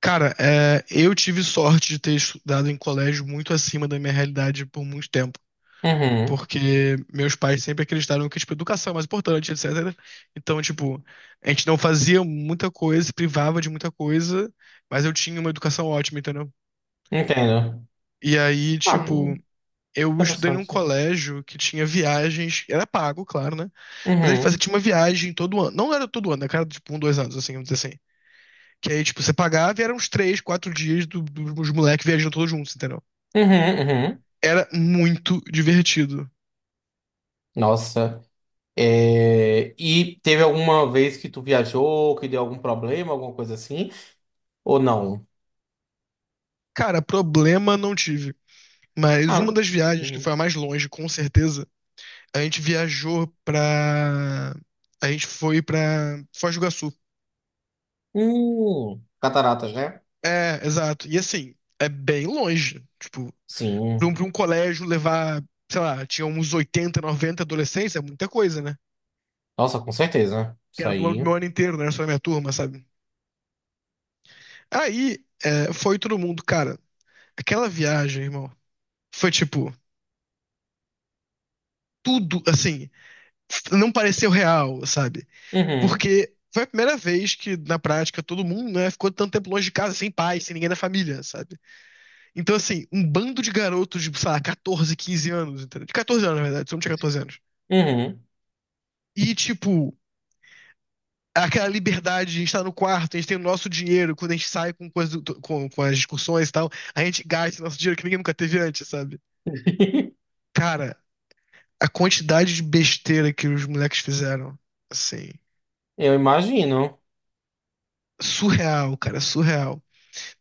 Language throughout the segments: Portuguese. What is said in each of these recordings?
Cara, eu tive sorte de ter estudado em colégio muito acima da minha realidade por muito tempo, Uhum, porque meus pais sempre acreditaram que, tipo, educação é mais importante, etc. Então, tipo, a gente não fazia muita coisa, se privava de muita coisa, mas eu tinha uma educação ótima, entendeu? entendo. E aí, Ah, tipo, eu estudei num interessante. colégio que tinha viagens, era pago, claro, né? Mas ele fazia, Uhum, tinha uma viagem todo ano, não era todo ano, né? Cara, tipo, um, dois anos, assim, vamos dizer assim. Que aí, tipo, você pagava e eram uns 3, 4 dias dos moleques viajando todos juntos, entendeu? uhum, uhum. Era muito divertido. Nossa. E teve alguma vez que tu viajou, que deu algum problema, alguma coisa assim? Ou não? Cara, problema não tive. Mas Ah, uma das viagens que foi uhum. a mais longe, com certeza, a gente viajou pra. A gente foi pra Foz do Iguaçu. Cataratas, né? É, exato. E assim, é bem longe. Tipo, pra um, Sim. pra um colégio levar, sei lá, tinha uns 80 90 adolescentes, é muita coisa, né? Nossa, com certeza. Que Isso era do aí. meu ano inteiro, não era só da minha turma, sabe? Aí, foi todo mundo, cara. Aquela viagem, irmão, foi tipo, tudo, assim, não pareceu real, sabe? Uhum, Porque foi a primeira vez que, na prática, todo mundo, né, ficou tanto tempo longe de casa, sem pai, sem ninguém da família, sabe? Então, assim, um bando de garotos de, sei lá, 14, 15 anos, entendeu? De 14 anos, na verdade, se não tinha 14 anos. uhum. E, tipo, aquela liberdade, a gente tá no quarto, a gente tem o nosso dinheiro, quando a gente sai com, coisa, com as discussões e tal, a gente gasta o nosso dinheiro que ninguém nunca teve antes, sabe? Cara, a quantidade de besteira que os moleques fizeram, assim, Eu imagino. surreal, cara, surreal.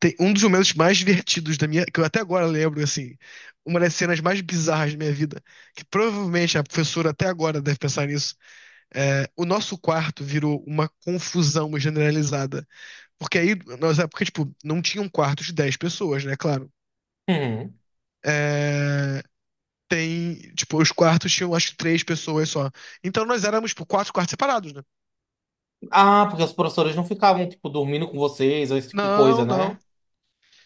Tem um dos momentos mais divertidos da minha, que eu até agora lembro, assim, uma das cenas mais bizarras da minha vida, que provavelmente a professora até agora deve pensar nisso, o nosso quarto virou uma confusão generalizada, porque aí, nós é porque tipo, não tinha um quarto de 10 pessoas, né, claro. Uhum. É, tem, tipo, os quartos tinham acho que 3 pessoas só. Então nós éramos, tipo, quatro quartos separados, né? Ah, porque os professores não ficavam, tipo, dormindo com vocês, ou esse tipo de Não, coisa, não. né?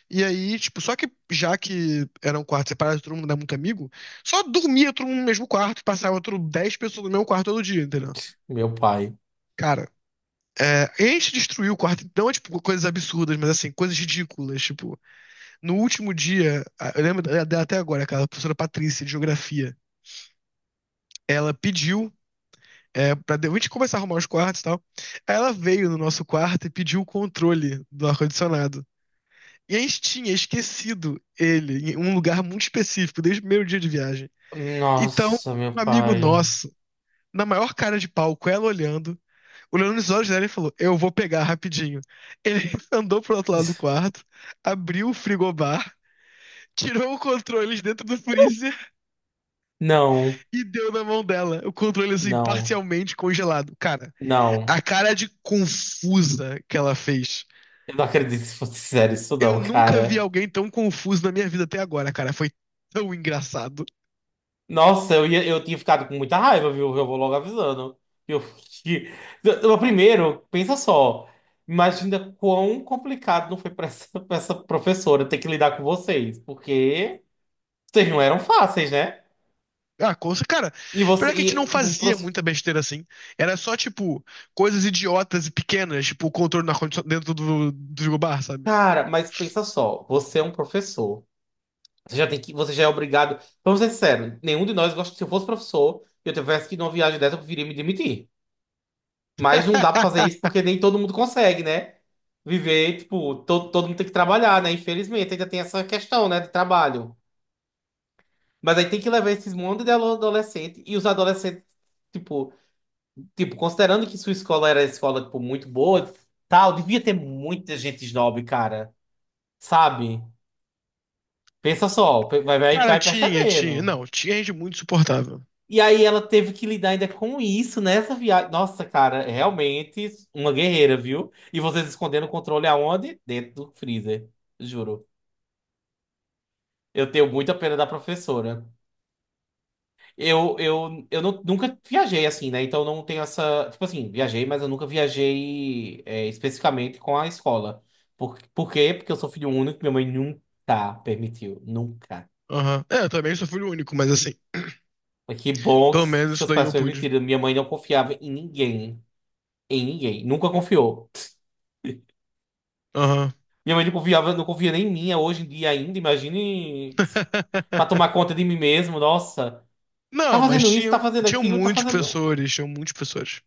E aí, tipo, só que já que era um quarto separado, todo mundo era muito amigo, só dormia todo mundo no mesmo quarto, passava outro 10 pessoas no mesmo quarto todo dia, entendeu? Meu pai. Cara, a gente destruiu o quarto, não é tipo coisas absurdas, mas assim, coisas ridículas. Tipo, no último dia, eu lembro dela até agora, aquela professora Patrícia de Geografia, ela pediu a gente começar a arrumar os quartos e tal. Aí ela veio no nosso quarto e pediu o controle do ar-condicionado. E a gente tinha esquecido ele em um lugar muito específico, desde o primeiro dia de viagem. Então, Nossa, meu um amigo pai. nosso, na maior cara de palco ela olhando, olhando nos olhos dela e falou: Eu vou pegar rapidinho. Ele andou pro outro lado do quarto, abriu o frigobar, tirou o controle de dentro do freezer Não, e deu na mão dela. O controle, assim, não, parcialmente congelado. Cara, a não. cara de confusa que ela fez. Eu não acredito se fosse sério isso Eu não, nunca vi cara. alguém tão confuso na minha vida até agora, cara. Foi tão engraçado. Nossa, eu ia, eu tinha ficado com muita raiva, viu? Eu vou logo avisando. Eu, que- Primeiro, pensa só. Imagina quão complicado não foi pra essa, pra essa professora ter que lidar com vocês, porque vocês não eram fáceis, né? Ah, cara, E pior é você, que a gente não e, tipo, um fazia professor. muita besteira assim. Era só, tipo, coisas idiotas e pequenas, tipo, o controle do ar-condicionado dentro do frigobar, sabe? Cara, mas pensa só, você é um professor. Você já tem que, você já é obrigado. Vamos ser sinceros, nenhum de nós gosta. Se eu fosse professor e eu tivesse que ir numa viagem dessa, eu preferia me demitir. Mas não dá pra fazer isso porque nem todo mundo consegue, né? Viver, tipo, todo mundo tem que trabalhar, né? Infelizmente, ainda tem essa questão, né, de trabalho. Mas aí tem que levar esses monte de adolescente e os adolescentes, tipo, tipo, considerando que sua escola era escola, tipo, muito boa, tal, devia ter muita gente snob, cara. Sabe? Pensa só, vai, Cara, vai tinha, tinha. percebendo. Não, tinha gente muito suportável. E aí ela teve que lidar ainda com isso nessa viagem. Nossa, cara, é realmente uma guerreira, viu? E vocês escondendo o controle aonde? Dentro do freezer, juro. Eu tenho muita pena da professora. Nunca viajei assim, né? Então não tenho essa. Tipo assim, viajei, mas eu nunca viajei especificamente com a escola. Por quê? Porque eu sou filho único, minha mãe nunca permitiu. Nunca. Aham. É, eu também sou filho único, mas assim, Mas que bom que pelo menos isso seus daí pais eu pude. permitiram. Minha mãe não confiava em ninguém. Em ninguém. Nunca confiou. Aham. Minha mãe não confiava, não confia nem em mim é hoje em dia ainda, imagine pra tomar conta de mim mesmo, nossa. Tá Não, mas fazendo isso, tá tinham, fazendo tinham aquilo, tá muitos fazendo. professores, tinham muitos professores.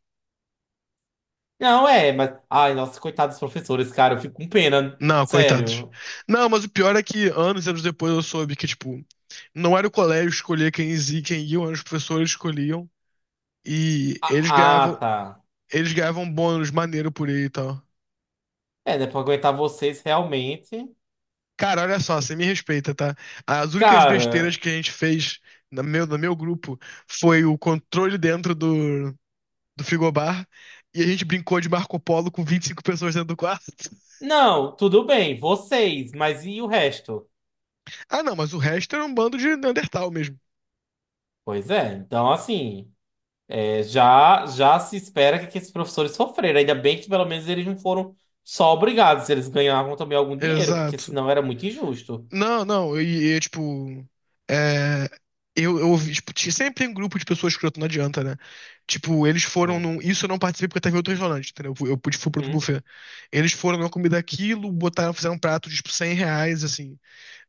Não, é, mas. Ai, nossa, coitados dos professores, cara, eu fico com pena, Não, coitados. sério. Não, mas o pior é que anos e anos depois eu soube que, tipo, não era o colégio que escolhia quem ia, eram os professores que escolhiam. E Ah, ah, tá. eles ganhavam bônus maneiro por aí e tal. É, né, pra aguentar vocês realmente. Cara, olha só, você me respeita, tá? As únicas besteiras Cara, que a gente fez no meu grupo foi o controle dentro do frigobar e a gente brincou de Marco Polo com 25 pessoas dentro do quarto. não, tudo bem, vocês, mas e o resto? Ah, não, mas o resto era um bando de Neandertal mesmo. Pois é, então assim. É, já, já se espera que esses professores sofreram. Ainda bem que pelo menos eles não foram só obrigados, eles ganhavam também algum dinheiro, porque Exato. senão era muito injusto. Não, não, tipo. É, eu ouvi, tipo, sempre tem um grupo de pessoas escroto, não adianta, né? Tipo, eles foram Hum. num. Isso eu não participei porque eu tava em outro restaurante, entendeu? Eu, eu pude fui pro outro Uhum. buffet. Eles foram numa comida aquilo, botaram, fizeram um prato de tipo, R$ 100, assim.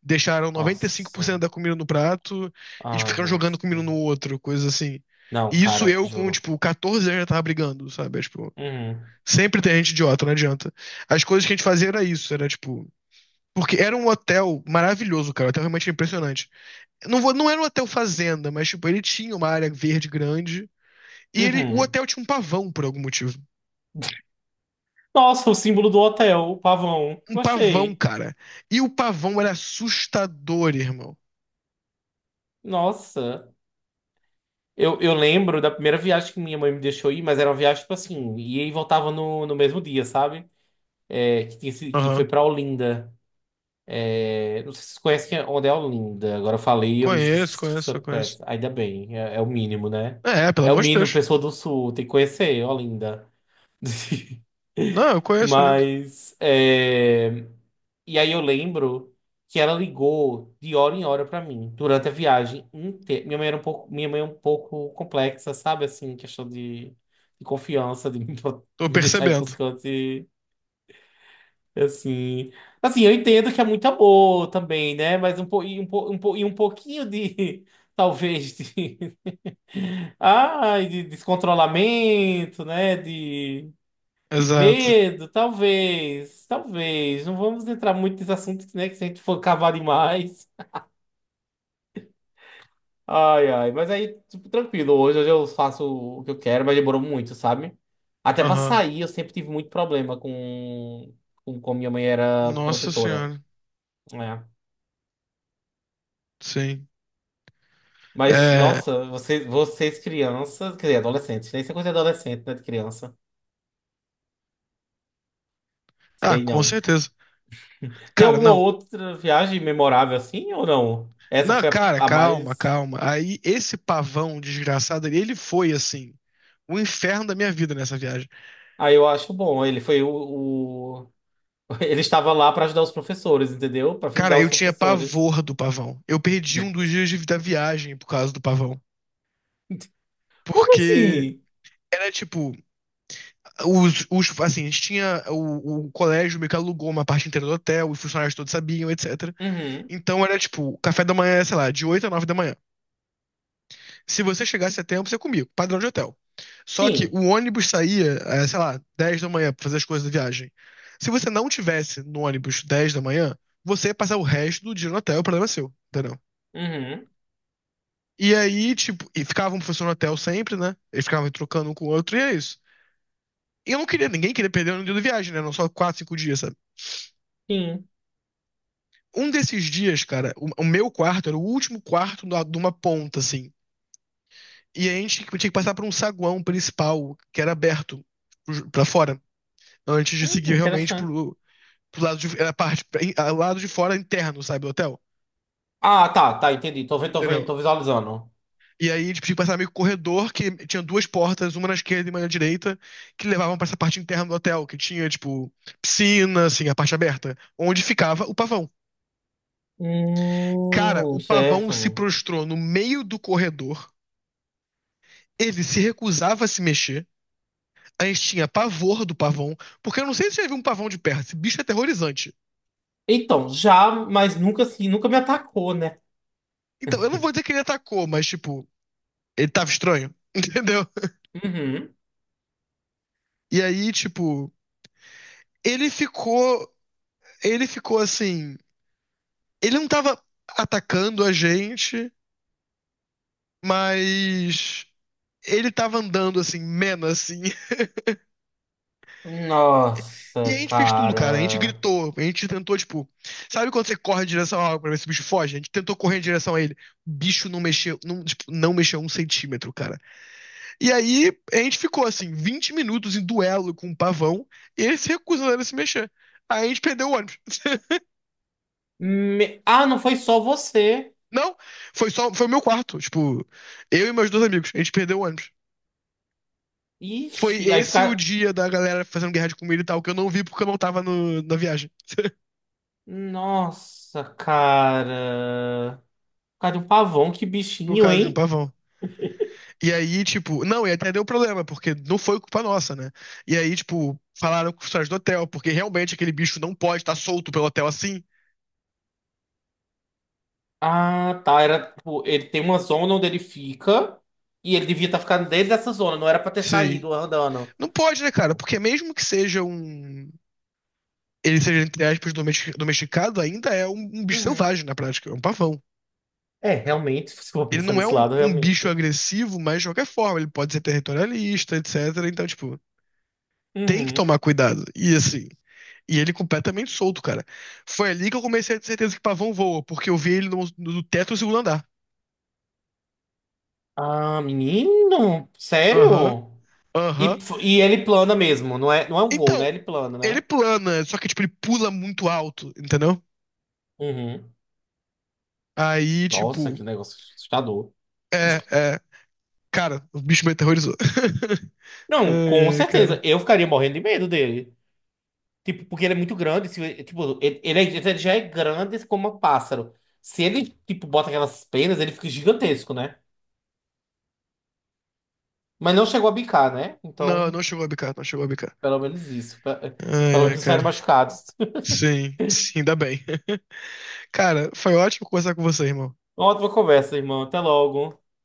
Deixaram noventa e cinco por Nossa. cento da comida no prato e tipo, Ai, ficaram jogando nossa, comida um cara. no outro, coisa assim. Não, E isso cara, eu com, juro. tipo, 14 anos já tava brigando, sabe? É, tipo, Uhum. sempre tem gente idiota, não adianta. As coisas que a gente fazia era isso, era tipo. Porque era um hotel maravilhoso, cara. O hotel realmente era impressionante. Não, não era um hotel fazenda, mas, tipo, ele tinha uma área verde grande. E ele, o Uhum. hotel tinha um pavão, por algum motivo. Nossa, o símbolo do hotel, o pavão. Um pavão, Gostei. cara. E o pavão era assustador, irmão. Nossa. Eu lembro da primeira viagem que minha mãe me deixou ir, mas era uma viagem, tipo assim, ia e voltava no, no mesmo dia, sabe? É, que, que foi Aham. pra Olinda. É, não sei se vocês conhecem é onde é Olinda. Agora eu falei, eu me esqueci Conheço, se você conheço, eu conheço. conhece. Ainda bem, é, é o mínimo, né? É, pelo É o amor de mínimo, Deus. pessoa do Sul, tem que conhecer Olinda. Não, eu conheço, lindo. Mas, é, e aí eu lembro que ela ligou de hora em hora pra mim, durante a viagem inteira. Minha mãe era um pouco, minha mãe é um pouco complexa, sabe? Assim, questão de confiança, de me, Tô me deixar ir percebendo. pros cantos. Assim, assim, eu entendo que é muito amor também, né? Mas e e um pouquinho de, talvez, de, ai, de descontrolamento, né? De Exato. medo, talvez, talvez. Não vamos entrar muito nesse assunto, né? Que se a gente for cavar demais. Ai, ai, mas aí, tipo, tranquilo, hoje, hoje eu faço o que eu quero, mas demorou muito, sabe? Até pra Aham. sair, eu sempre tive muito problema com como minha mãe era Nossa protetora. senhora. Né? Sim. Mas, É. nossa, vocês, vocês crianças, quer dizer, adolescentes, né? Isso é coisa de adolescente, né? De criança. Ah, Sei com não. certeza. Tem Cara, alguma não. outra viagem memorável assim ou não? Essa Não, foi cara, a calma, mais. calma. Aí esse pavão desgraçado ali, ele foi assim, o inferno da minha vida nessa viagem. Ah, eu acho bom. Ele foi o. Ele estava lá para ajudar os professores, entendeu? Para Cara, vingar os eu tinha professores. pavor do pavão. Eu perdi um dos dias da viagem por causa do pavão. Como Porque assim? era tipo, os assim, a gente tinha o colégio meio que alugou uma parte inteira do hotel, os funcionários todos sabiam, etc. Uhum. Então era tipo, café da manhã, sei lá, de 8 a 9 da manhã. Se você chegasse a tempo, você comia, padrão de hotel. Só que Sim. o ônibus saía, sei lá, 10 da manhã pra fazer as coisas da viagem. Se você não tivesse no ônibus 10 da manhã, você ia passar o resto do dia no hotel, o problema é seu, entendeu? Uhum. E aí, tipo, e ficava um professor no hotel sempre, né? Eles ficavam trocando um com o outro, e é isso. E eu não queria, ninguém queria perder um dia de viagem, né? Não só 4, 5 dias, sabe? Sim. Um desses dias, cara, o meu quarto era o último quarto de uma ponta, assim. E a gente tinha que passar por um saguão principal, que era aberto pra fora, né? Antes de seguir realmente Interessante. pro lado de. Era parte. Lado de fora interno, sabe, do hotel. Ah, tá, tá, entendi. Tô vendo, tô vendo, Entendeu? tô visualizando. E aí eles tinham que passar meio que um corredor que tinha duas portas, uma na esquerda e uma na direita, que levavam pra essa parte interna do hotel, que tinha, tipo, piscina, assim, a parte aberta, onde ficava o pavão. Cara, o pavão Certo. se prostrou no meio do corredor, ele se recusava a se mexer, a gente tinha pavor do pavão, porque eu não sei se você já viu um pavão de perto, esse bicho é aterrorizante. Então, já, mas nunca assim, nunca me atacou, né? Então, eu não vou dizer que ele atacou, mas, tipo, ele tava estranho, entendeu? Uhum. E aí, tipo, ele ficou. Ele ficou assim. Ele não tava atacando a gente, mas. Ele tava andando assim, mena assim. E a Nossa, gente fez tudo, cara. A gente cara. gritou, a gente tentou, tipo. Sabe quando você corre em direção a algo pra ver se o bicho foge? A gente tentou correr em direção a ele. O bicho não mexeu, não, tipo, não mexeu um centímetro, cara. E aí a gente ficou assim, 20 minutos em duelo com o pavão, e ele se recusando a se mexer. Aí a gente perdeu o ônibus. Ah, não foi só você. Não, foi só, foi o meu quarto, tipo, eu e meus dois amigos, a gente perdeu o ônibus. Foi Ixi, aí esse o fica. dia da galera fazendo guerra de comida e tal, que eu não vi porque eu não tava na viagem, Nossa, cara. Cara, um pavão, que por bichinho, causa de um hein? pavão. E aí, tipo, não, e até deu problema, porque não foi culpa nossa, né? E aí, tipo, falaram com os caras do hotel, porque realmente aquele bicho não pode estar solto pelo hotel assim. Ah, tá. Era, tipo, ele tem uma zona onde ele fica. E ele devia estar ficando dentro dessa zona. Não era pra ter Sei. saído andando. Não pode, né, cara? Porque mesmo que seja um. Ele seja, entre aspas, domesticado, ainda é um, um bicho Uhum. selvagem na prática, é um pavão. É, realmente, se for Ele pensar não é desse um, lado, um bicho realmente. agressivo, mas de qualquer forma, ele pode ser territorialista, etc. Então, tipo, tem que Uhum. tomar cuidado. E assim, e ele é completamente solto, cara. Foi ali que eu comecei a ter certeza que pavão voa, porque eu vi ele no teto do segundo andar. Ah, menino? Aham, Sério? Aham. E ele plana mesmo, não é, não é um voo, né? Então, Ele plana, ele né? plana, só que, tipo, ele pula muito alto, entendeu? Uhum. Aí, Nossa, tipo, que negócio assustador. é, é. Cara, o bicho me aterrorizou. Não, com Ai, ai, certeza. cara. Eu ficaria morrendo de medo dele. Tipo, porque ele é muito grande. Tipo, ele já é grande como um pássaro. Se ele, tipo, bota aquelas penas, ele fica gigantesco, né? Mas não chegou a bicar, né? Não, Então, não chegou a bicar, não chegou a bicar. pelo menos isso. Pelo Ai, ai, menos cara. saíram machucados. Sim, sim, ainda bem. Cara, foi ótimo conversar com você, irmão. Uma ótima conversa, irmão. Até logo.